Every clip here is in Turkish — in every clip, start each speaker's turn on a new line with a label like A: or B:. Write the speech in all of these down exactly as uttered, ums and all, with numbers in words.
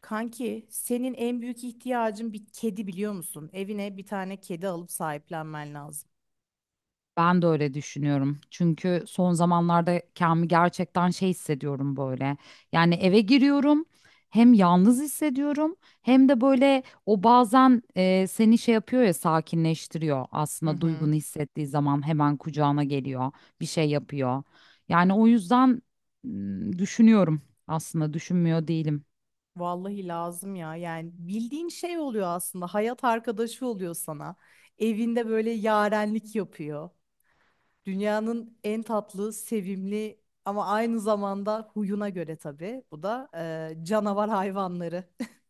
A: Kanki, senin en büyük ihtiyacın bir kedi biliyor musun? Evine bir tane kedi alıp sahiplenmen lazım.
B: Ben de öyle düşünüyorum. Çünkü son zamanlarda kendimi gerçekten şey hissediyorum böyle. Yani eve giriyorum, hem yalnız hissediyorum, hem de böyle o bazen e, seni şey yapıyor ya sakinleştiriyor.
A: Hı
B: Aslında
A: hı.
B: duygunu hissettiği zaman hemen kucağına geliyor, bir şey yapıyor. Yani o yüzden m, düşünüyorum. Aslında düşünmüyor değilim.
A: Vallahi lazım ya. Yani bildiğin şey oluyor aslında. Hayat arkadaşı oluyor sana. Evinde böyle yarenlik yapıyor. Dünyanın en tatlı, sevimli ama aynı zamanda huyuna göre tabii. Bu da e, canavar hayvanları.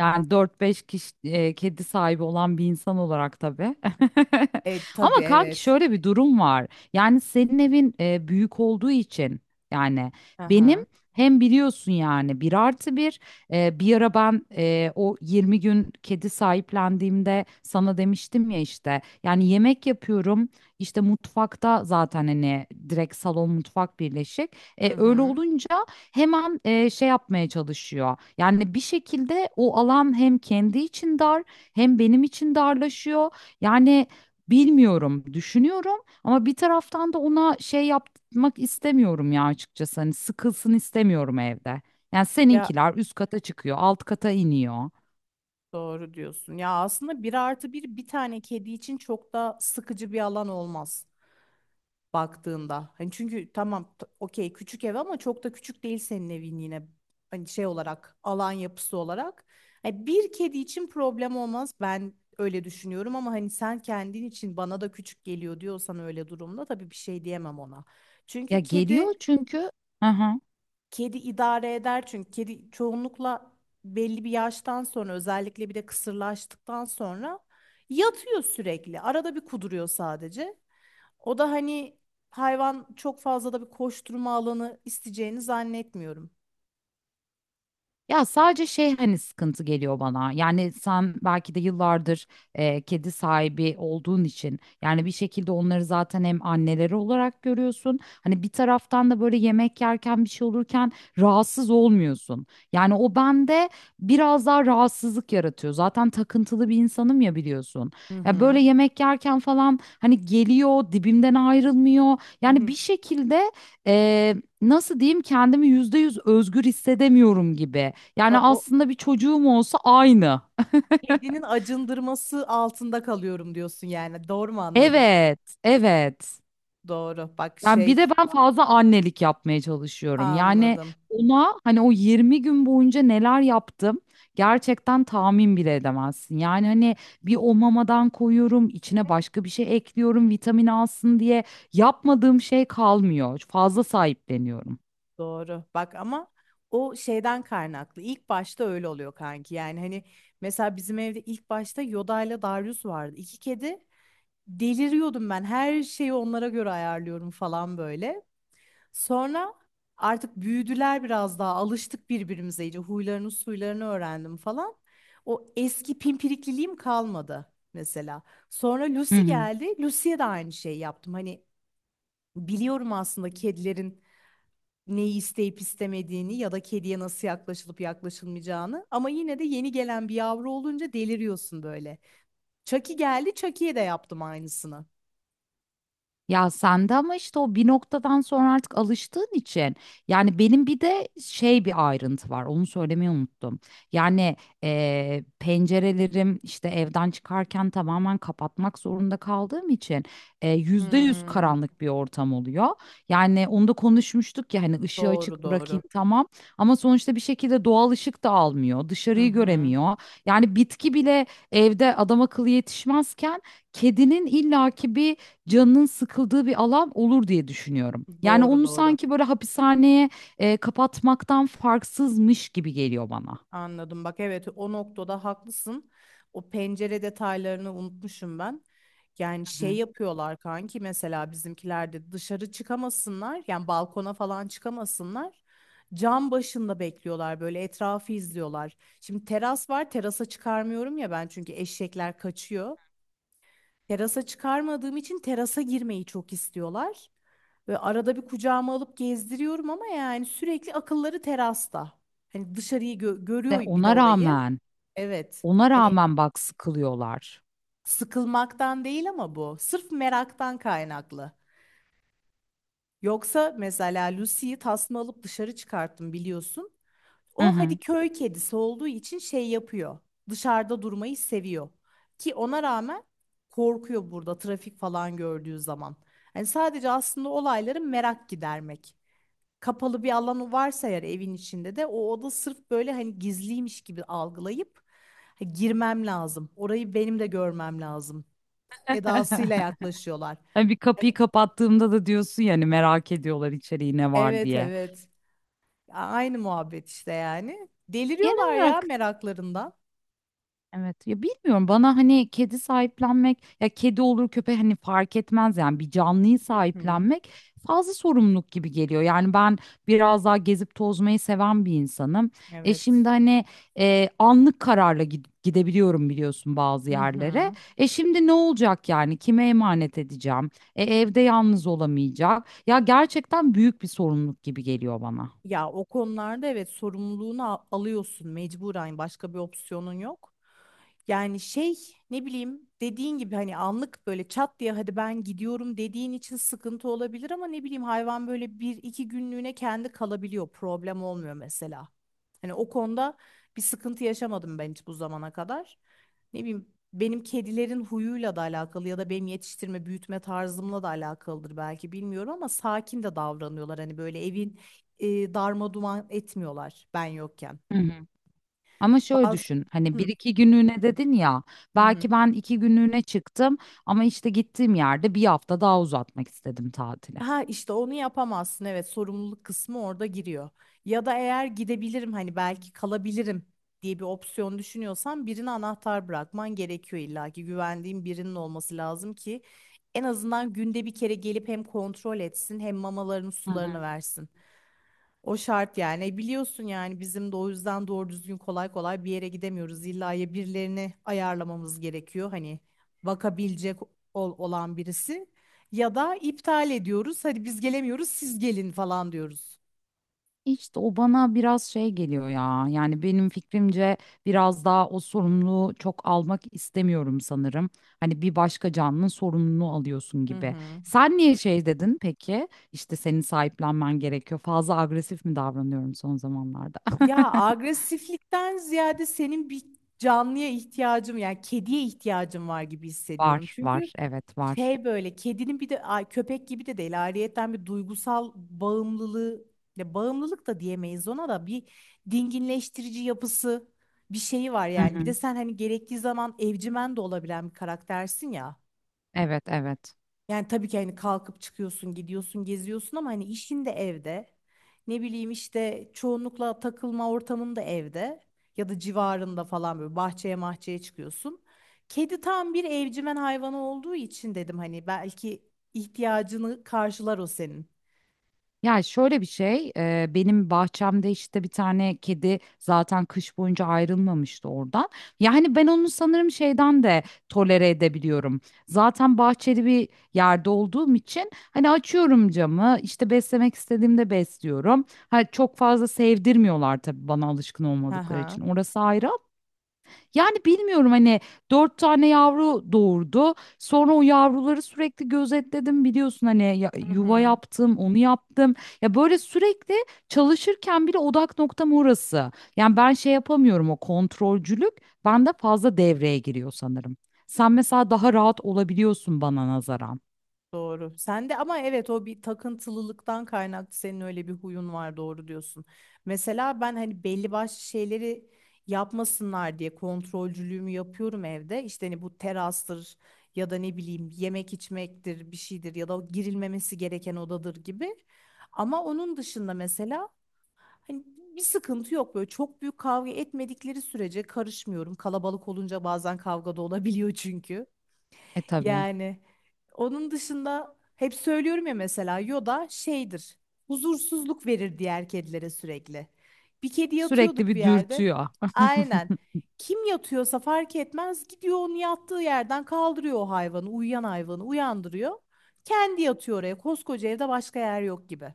B: Yani dört beş kişi e, kedi sahibi olan bir insan olarak tabii.
A: E tabii
B: Ama kanki
A: evet.
B: şöyle bir durum var. Yani senin evin e, büyük olduğu için yani benim
A: Aha.
B: hem biliyorsun yani bir artı bir e, bir ara ben e, o yirmi gün kedi sahiplendiğimde sana demiştim ya işte yani yemek yapıyorum işte mutfakta zaten hani direkt salon mutfak birleşik.
A: Hı
B: E,
A: hı.
B: öyle
A: Hı.
B: olunca hemen e, şey yapmaya çalışıyor. Yani bir şekilde o alan hem kendi için dar hem benim için darlaşıyor. Yani bilmiyorum, düşünüyorum ama bir taraftan da ona şey yapmak istemiyorum ya açıkçası. Hani sıkılsın istemiyorum evde. Yani
A: Ya,
B: seninkiler üst kata çıkıyor, alt kata iniyor.
A: doğru diyorsun. Ya aslında bir artı bir bir tane kedi için çok da sıkıcı bir alan olmaz baktığında. Hani çünkü tamam t- okey küçük ev ama çok da küçük değil senin evin yine, hani şey olarak, alan yapısı olarak. Hani bir kedi için problem olmaz, ben öyle düşünüyorum ama hani sen kendin için bana da küçük geliyor diyorsan öyle durumda tabii bir şey diyemem ona.
B: Ya
A: Çünkü kedi
B: geliyor çünkü. Hı hı.
A: Kedi idare eder çünkü kedi çoğunlukla belli bir yaştan sonra, özellikle bir de kısırlaştıktan sonra yatıyor sürekli. Arada bir kuduruyor sadece. O da hani, hayvan çok fazla da bir koşturma alanı isteyeceğini zannetmiyorum.
B: Ya sadece şey hani sıkıntı geliyor bana. Yani sen belki de yıllardır e, kedi sahibi olduğun için yani bir şekilde onları zaten hem anneleri olarak görüyorsun. Hani bir taraftan da böyle yemek yerken bir şey olurken rahatsız olmuyorsun. Yani o bende biraz daha rahatsızlık yaratıyor. Zaten takıntılı bir insanım ya biliyorsun.
A: Hı
B: Ya
A: hı.
B: böyle yemek yerken falan hani geliyor dibimden ayrılmıyor.
A: Hı
B: Yani
A: hı.
B: bir şekilde e, nasıl diyeyim kendimi yüzde yüz özgür hissedemiyorum gibi. Yani
A: A- O
B: aslında bir çocuğum olsa aynı.
A: kedinin acındırması altında kalıyorum diyorsun yani. Doğru mu anladım?
B: Evet, evet.
A: Doğru. Bak
B: Yani bir de
A: şey,
B: ben fazla annelik yapmaya çalışıyorum. Yani
A: anladım.
B: ona hani o yirmi gün boyunca neler yaptım gerçekten tahmin bile edemezsin. Yani hani bir o mamadan koyuyorum, içine başka bir şey ekliyorum vitamin alsın diye yapmadığım şey kalmıyor. Fazla sahipleniyorum.
A: Doğru. Bak ama o şeyden kaynaklı. İlk başta öyle oluyor kanki. Yani hani mesela bizim evde ilk başta Yoda ile Darius vardı. İki kedi. Deliriyordum ben. Her şeyi onlara göre ayarlıyorum falan böyle. Sonra artık büyüdüler biraz daha. Alıştık birbirimize iyice. Huylarını suylarını öğrendim falan. O eski pimpirikliliğim kalmadı mesela. Sonra
B: Hı
A: Lucy
B: hı.
A: geldi. Lucy'ye de aynı şeyi yaptım. Hani biliyorum aslında kedilerin neyi isteyip istemediğini ya da kediye nasıl yaklaşılıp yaklaşılmayacağını. Ama yine de yeni gelen bir yavru olunca deliriyorsun böyle. Chucky geldi, Chucky'ye de yaptım aynısını.
B: Ya sende ama işte o bir noktadan sonra artık alıştığın için yani benim bir de şey bir ayrıntı var onu söylemeyi unuttum. Yani eee, pencerelerim işte evden çıkarken tamamen kapatmak zorunda kaldığım için eee, yüzde yüz
A: Hmm,
B: karanlık bir ortam oluyor. Yani onu da konuşmuştuk ya hani ışığı
A: doğru
B: açık
A: doğru.
B: bırakayım tamam ama sonuçta bir şekilde doğal ışık da almıyor
A: Hı
B: dışarıyı
A: hı,
B: göremiyor. Yani bitki bile evde adam akıllı yetişmezken kedinin illaki bir canının sıkıldığı bir alan olur diye düşünüyorum. Yani
A: doğru
B: onu
A: doğru.
B: sanki böyle hapishaneye e, kapatmaktan farksızmış gibi geliyor bana.
A: Anladım. Bak evet, o noktada haklısın. O pencere detaylarını unutmuşum ben. Yani
B: Hı
A: şey
B: hı.
A: yapıyorlar kanki, mesela bizimkiler de dışarı çıkamasınlar. Yani balkona falan çıkamasınlar. Cam başında bekliyorlar böyle, etrafı izliyorlar. Şimdi teras var, terasa çıkarmıyorum ya ben çünkü eşekler kaçıyor. Terasa çıkarmadığım için terasa girmeyi çok istiyorlar. Ve arada bir kucağıma alıp gezdiriyorum ama yani sürekli akılları terasta. Hani dışarıyı gö- görüyor
B: De
A: bir de
B: ona
A: orayı.
B: rağmen,
A: Evet.
B: ona
A: Hani
B: rağmen bak sıkılıyorlar.
A: sıkılmaktan değil ama bu. Sırf meraktan kaynaklı. Yoksa mesela Lucy'yi tasma alıp dışarı çıkarttım biliyorsun.
B: Hı
A: O hadi
B: hı.
A: köy kedisi olduğu için şey yapıyor. Dışarıda durmayı seviyor. Ki ona rağmen korkuyor burada trafik falan gördüğü zaman. Yani sadece aslında olayları merak gidermek. Kapalı bir alanı varsa eğer evin içinde de o oda sırf böyle hani gizliymiş gibi algılayıp "Ha, girmem lazım. Orayı benim de görmem lazım." Edasıyla yaklaşıyorlar.
B: Hani bir kapıyı
A: Yani,
B: kapattığımda da diyorsun yani merak ediyorlar içeriği ne var
A: evet
B: diye.
A: evet. Aynı muhabbet işte yani.
B: Genel
A: Deliriyorlar ya
B: olarak
A: meraklarından.
B: evet ya bilmiyorum bana hani kedi sahiplenmek ya kedi olur köpek hani fark etmez yani bir canlıyı
A: Hı.
B: sahiplenmek fazla sorumluluk gibi geliyor. Yani ben biraz daha gezip tozmayı seven bir insanım. E
A: Evet.
B: şimdi hani e, anlık kararla gid- gidebiliyorum biliyorsun bazı
A: Hı
B: yerlere.
A: hı.
B: E şimdi ne olacak yani kime emanet edeceğim? E evde yalnız olamayacak. Ya gerçekten büyük bir sorumluluk gibi geliyor bana.
A: Ya o konularda evet, sorumluluğunu al- alıyorsun mecburen, başka bir opsiyonun yok. Yani şey, ne bileyim, dediğin gibi hani anlık böyle çat diye hadi ben gidiyorum dediğin için sıkıntı olabilir ama ne bileyim, hayvan böyle bir iki günlüğüne kendi kalabiliyor, problem olmuyor mesela. Hani o konuda bir sıkıntı yaşamadım ben hiç bu zamana kadar. Ne bileyim, benim kedilerin huyuyla da alakalı ya da benim yetiştirme büyütme tarzımla da alakalıdır belki, bilmiyorum ama sakin de davranıyorlar. Hani böyle evin e, darma duman etmiyorlar ben yokken.
B: Ama şöyle
A: Bazı,
B: düşün hani bir
A: hı.
B: iki günlüğüne dedin ya
A: Hı hı.
B: belki ben iki günlüğüne çıktım ama işte gittiğim yerde bir hafta daha uzatmak istedim tatili.
A: Ha işte onu yapamazsın. Evet, sorumluluk kısmı orada giriyor. Ya da eğer gidebilirim, hani belki kalabilirim diye bir opsiyon düşünüyorsan birine anahtar bırakman gerekiyor, illa ki güvendiğin birinin olması lazım ki en azından günde bir kere gelip hem kontrol etsin, hem mamalarını
B: Hı
A: sularını
B: hı.
A: versin. O şart yani. E, biliyorsun yani bizim de o yüzden doğru düzgün kolay kolay bir yere gidemiyoruz. İlla ya birilerini ayarlamamız gerekiyor, hani bakabilecek ol- olan birisi, ya da iptal ediyoruz. Hadi biz gelemiyoruz, siz gelin falan diyoruz.
B: İşte o bana biraz şey geliyor ya. Yani benim fikrimce biraz daha o sorumluluğu çok almak istemiyorum sanırım. Hani bir başka canlının sorumluluğunu alıyorsun
A: Hı
B: gibi.
A: hı.
B: Sen niye şey dedin peki? İşte senin sahiplenmen gerekiyor. Fazla agresif mi davranıyorum son zamanlarda?
A: Ya agresiflikten ziyade senin bir canlıya ihtiyacım, yani kediye ihtiyacım var gibi hissediyorum.
B: Var,
A: Çünkü
B: var. Evet, var.
A: şey, böyle kedinin bir de ay, köpek gibi de değil, ayrıyetten bir duygusal bağımlılığı, ya bağımlılık da diyemeyiz ona, da bir dinginleştirici yapısı bir şeyi var
B: Hı
A: yani. Bir de
B: hı.
A: sen hani gerektiği zaman evcimen de olabilen bir karaktersin ya.
B: Evet, evet.
A: Yani tabii ki hani kalkıp çıkıyorsun, gidiyorsun, geziyorsun ama hani işin de evde. Ne bileyim işte çoğunlukla takılma ortamın da evde ya da civarında falan, böyle bahçeye mahçeye çıkıyorsun. Kedi tam bir evcimen hayvanı olduğu için dedim, hani belki ihtiyacını karşılar o senin.
B: Yani şöyle bir şey, e, benim bahçemde işte bir tane kedi zaten kış boyunca ayrılmamıştı oradan. Yani ben onu sanırım şeyden de tolere edebiliyorum. Zaten bahçeli bir yerde olduğum için hani açıyorum camı, işte beslemek istediğimde besliyorum. Ha, çok fazla sevdirmiyorlar tabii bana alışkın
A: Hı
B: olmadıkları
A: hı.
B: için. Orası ayrı yani bilmiyorum hani dört tane yavru doğurdu. Sonra o yavruları sürekli gözetledim biliyorsun hani ya-
A: Hı
B: yuva
A: hı.
B: yaptım, onu yaptım. Ya böyle sürekli çalışırken bile odak noktam orası. Yani ben şey yapamıyorum o kontrolcülük bende fazla devreye giriyor sanırım. Sen mesela daha rahat olabiliyorsun bana nazaran.
A: Doğru. Sen de ama evet, o bir takıntılılıktan kaynaklı, senin öyle bir huyun var, doğru diyorsun. Mesela ben hani belli başlı şeyleri yapmasınlar diye kontrolcülüğümü yapıyorum evde. İşte hani bu terastır ya da ne bileyim yemek içmektir, bir şeydir ya da girilmemesi gereken odadır gibi. Ama onun dışında mesela, hani, bir sıkıntı yok böyle, çok büyük kavga etmedikleri sürece karışmıyorum. Kalabalık olunca bazen kavga da olabiliyor çünkü.
B: E tabii.
A: Yani onun dışında hep söylüyorum ya, mesela Yoda şeydir. Huzursuzluk verir diğer kedilere sürekli. Bir kedi yatıyordur
B: Sürekli
A: bir
B: bir
A: yerde.
B: dürtüyor.
A: Aynen. Kim yatıyorsa fark etmez, gidiyor onun yattığı yerden kaldırıyor o hayvanı, uyuyan hayvanı uyandırıyor. Kendi yatıyor oraya. Koskoca evde başka yer yok gibi.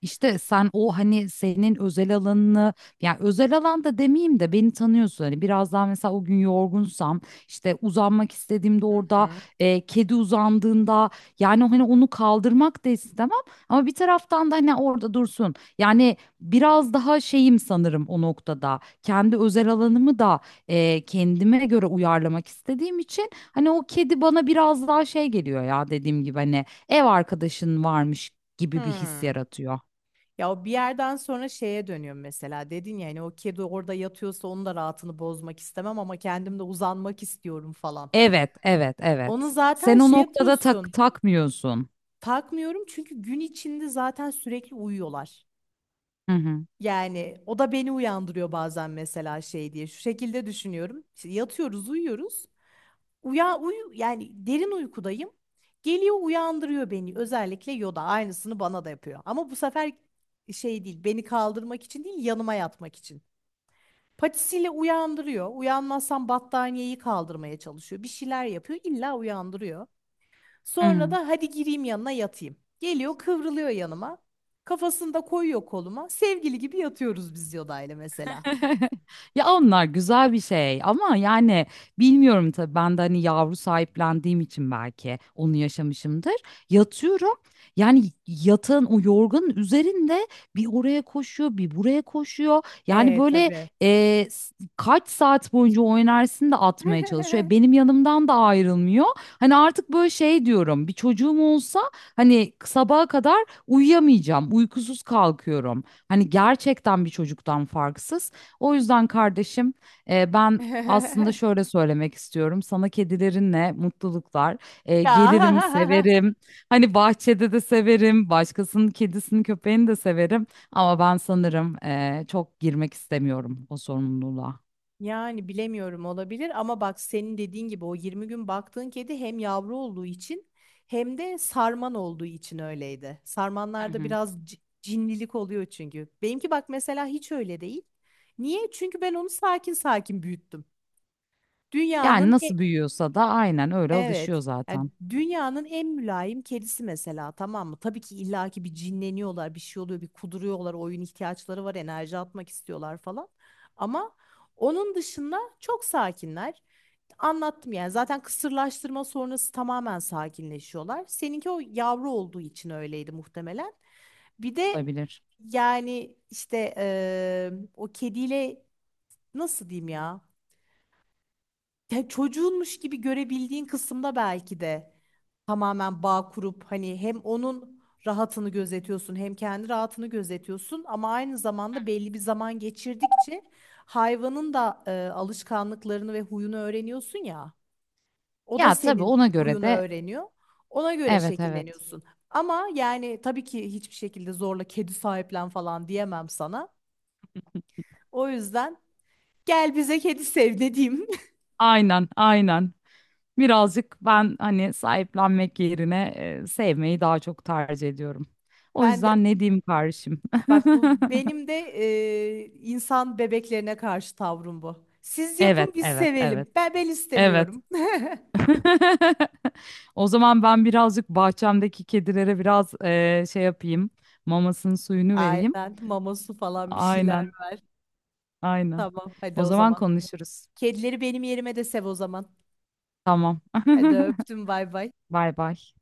B: İşte sen o hani senin özel alanını yani özel alanda demeyeyim de beni tanıyorsun hani biraz daha mesela o gün yorgunsam işte uzanmak istediğimde orada
A: Hı.
B: e, kedi uzandığında yani hani onu kaldırmak da istemem ama bir taraftan da hani orada dursun yani biraz daha şeyim sanırım o noktada kendi özel alanımı da e, kendime göre uyarlamak istediğim için hani o kedi bana biraz daha şey geliyor ya dediğim gibi hani ev arkadaşın varmış gibi bir his
A: Hı.
B: yaratıyor.
A: Ya o bir yerden sonra şeye dönüyorum mesela. Dedin ya hani o kedi orada yatıyorsa onun da rahatını bozmak istemem ama kendim de uzanmak istiyorum falan.
B: Evet, evet,
A: Onu
B: evet.
A: zaten
B: Sen o
A: şey
B: noktada tak
A: yapıyorsun.
B: takmıyorsun.
A: Takmıyorum, çünkü gün içinde zaten sürekli uyuyorlar.
B: Hı hı.
A: Yani o da beni uyandırıyor bazen, mesela şey diye. Şu şekilde düşünüyorum. İşte yatıyoruz, uyuyoruz. Uya uyu yani, derin uykudayım. Geliyor uyandırıyor beni. Özellikle Yoda aynısını bana da yapıyor. Ama bu sefer şey değil, beni kaldırmak için değil, yanıma yatmak için. Patisiyle uyandırıyor. Uyanmazsam battaniyeyi kaldırmaya çalışıyor. Bir şeyler yapıyor, illa uyandırıyor.
B: Hı
A: Sonra
B: hı.
A: da hadi gireyim yanına yatayım. Geliyor kıvrılıyor yanıma. Kafasını da koyuyor koluma. Sevgili gibi yatıyoruz biz Yoda'yla mesela.
B: Ya onlar güzel bir şey ama yani bilmiyorum tabii ben de hani yavru sahiplendiğim için belki onu yaşamışımdır. Yatıyorum yani yatağın o yorganın üzerinde bir oraya koşuyor bir buraya koşuyor. Yani
A: E
B: böyle
A: tabii.
B: e, s- kaç saat boyunca o enerjisini de atmaya çalışıyor. E, benim yanımdan da ayrılmıyor. Hani artık böyle şey diyorum bir çocuğum olsa hani sabaha kadar uyuyamayacağım uykusuz kalkıyorum. Hani gerçekten bir çocuktan farksız. O yüzden kardeşim e, ben aslında şöyle söylemek istiyorum. Sana kedilerinle mutluluklar. E, gelirim,
A: Ya
B: severim. Hani bahçede de severim. Başkasının kedisini, köpeğini de severim. Ama ben sanırım e, çok girmek istemiyorum o sorumluluğa.
A: yani bilemiyorum, olabilir ama bak senin dediğin gibi o yirmi gün baktığın kedi hem yavru olduğu için hem de sarman olduğu için öyleydi.
B: Hı
A: Sarmanlarda
B: hı.
A: biraz c- cinlilik oluyor çünkü. Benimki bak mesela hiç öyle değil. Niye? Çünkü ben onu sakin sakin büyüttüm.
B: Yani
A: Dünyanın,
B: nasıl büyüyorsa da aynen öyle alışıyor
A: evet. Yani
B: zaten.
A: dünyanın en mülayim kedisi mesela, tamam mı? Tabii ki illaki bir cinleniyorlar, bir şey oluyor, bir kuduruyorlar, oyun ihtiyaçları var, enerji atmak istiyorlar falan. Ama onun dışında çok sakinler. Anlattım yani, zaten kısırlaştırma sonrası tamamen sakinleşiyorlar. Seninki o yavru olduğu için öyleydi muhtemelen. Bir de
B: Olabilir.
A: yani işte eee, o kediyle nasıl diyeyim ya? Ya çocuğunmuş gibi görebildiğin kısımda belki de tamamen bağ kurup hani hem onun rahatını gözetiyorsun, hem kendi rahatını gözetiyorsun ama aynı zamanda belli bir zaman geçirdikçe hayvanın da e, alışkanlıklarını ve huyunu öğreniyorsun ya. O da
B: Ya tabii
A: senin
B: ona göre
A: huyunu
B: de
A: öğreniyor. Ona göre
B: evet, evet.
A: şekilleniyorsun. Ama yani tabii ki hiçbir şekilde zorla kedi sahiplen falan diyemem sana. O yüzden gel bize, kedi sev ne.
B: Aynen, aynen. Birazcık ben hani sahiplenmek yerine e, sevmeyi daha çok tercih ediyorum. O
A: Ben de.
B: yüzden ne diyeyim kardeşim?
A: Bak bu benim de e, insan bebeklerine karşı tavrım bu. Siz
B: Evet,
A: yapın biz
B: evet, evet.
A: sevelim. Ben ben
B: Evet.
A: istemiyorum.
B: O zaman ben birazcık bahçemdeki kedilere biraz e, şey yapayım. Mamasının suyunu vereyim.
A: Aynen, mama su falan bir şeyler.
B: Aynen, aynen.
A: Tamam hadi
B: O
A: o
B: zaman
A: zaman.
B: konuşuruz.
A: Kedileri benim yerime de sev o zaman.
B: Tamam.
A: Hadi öptüm, bay bay.
B: Bay bay.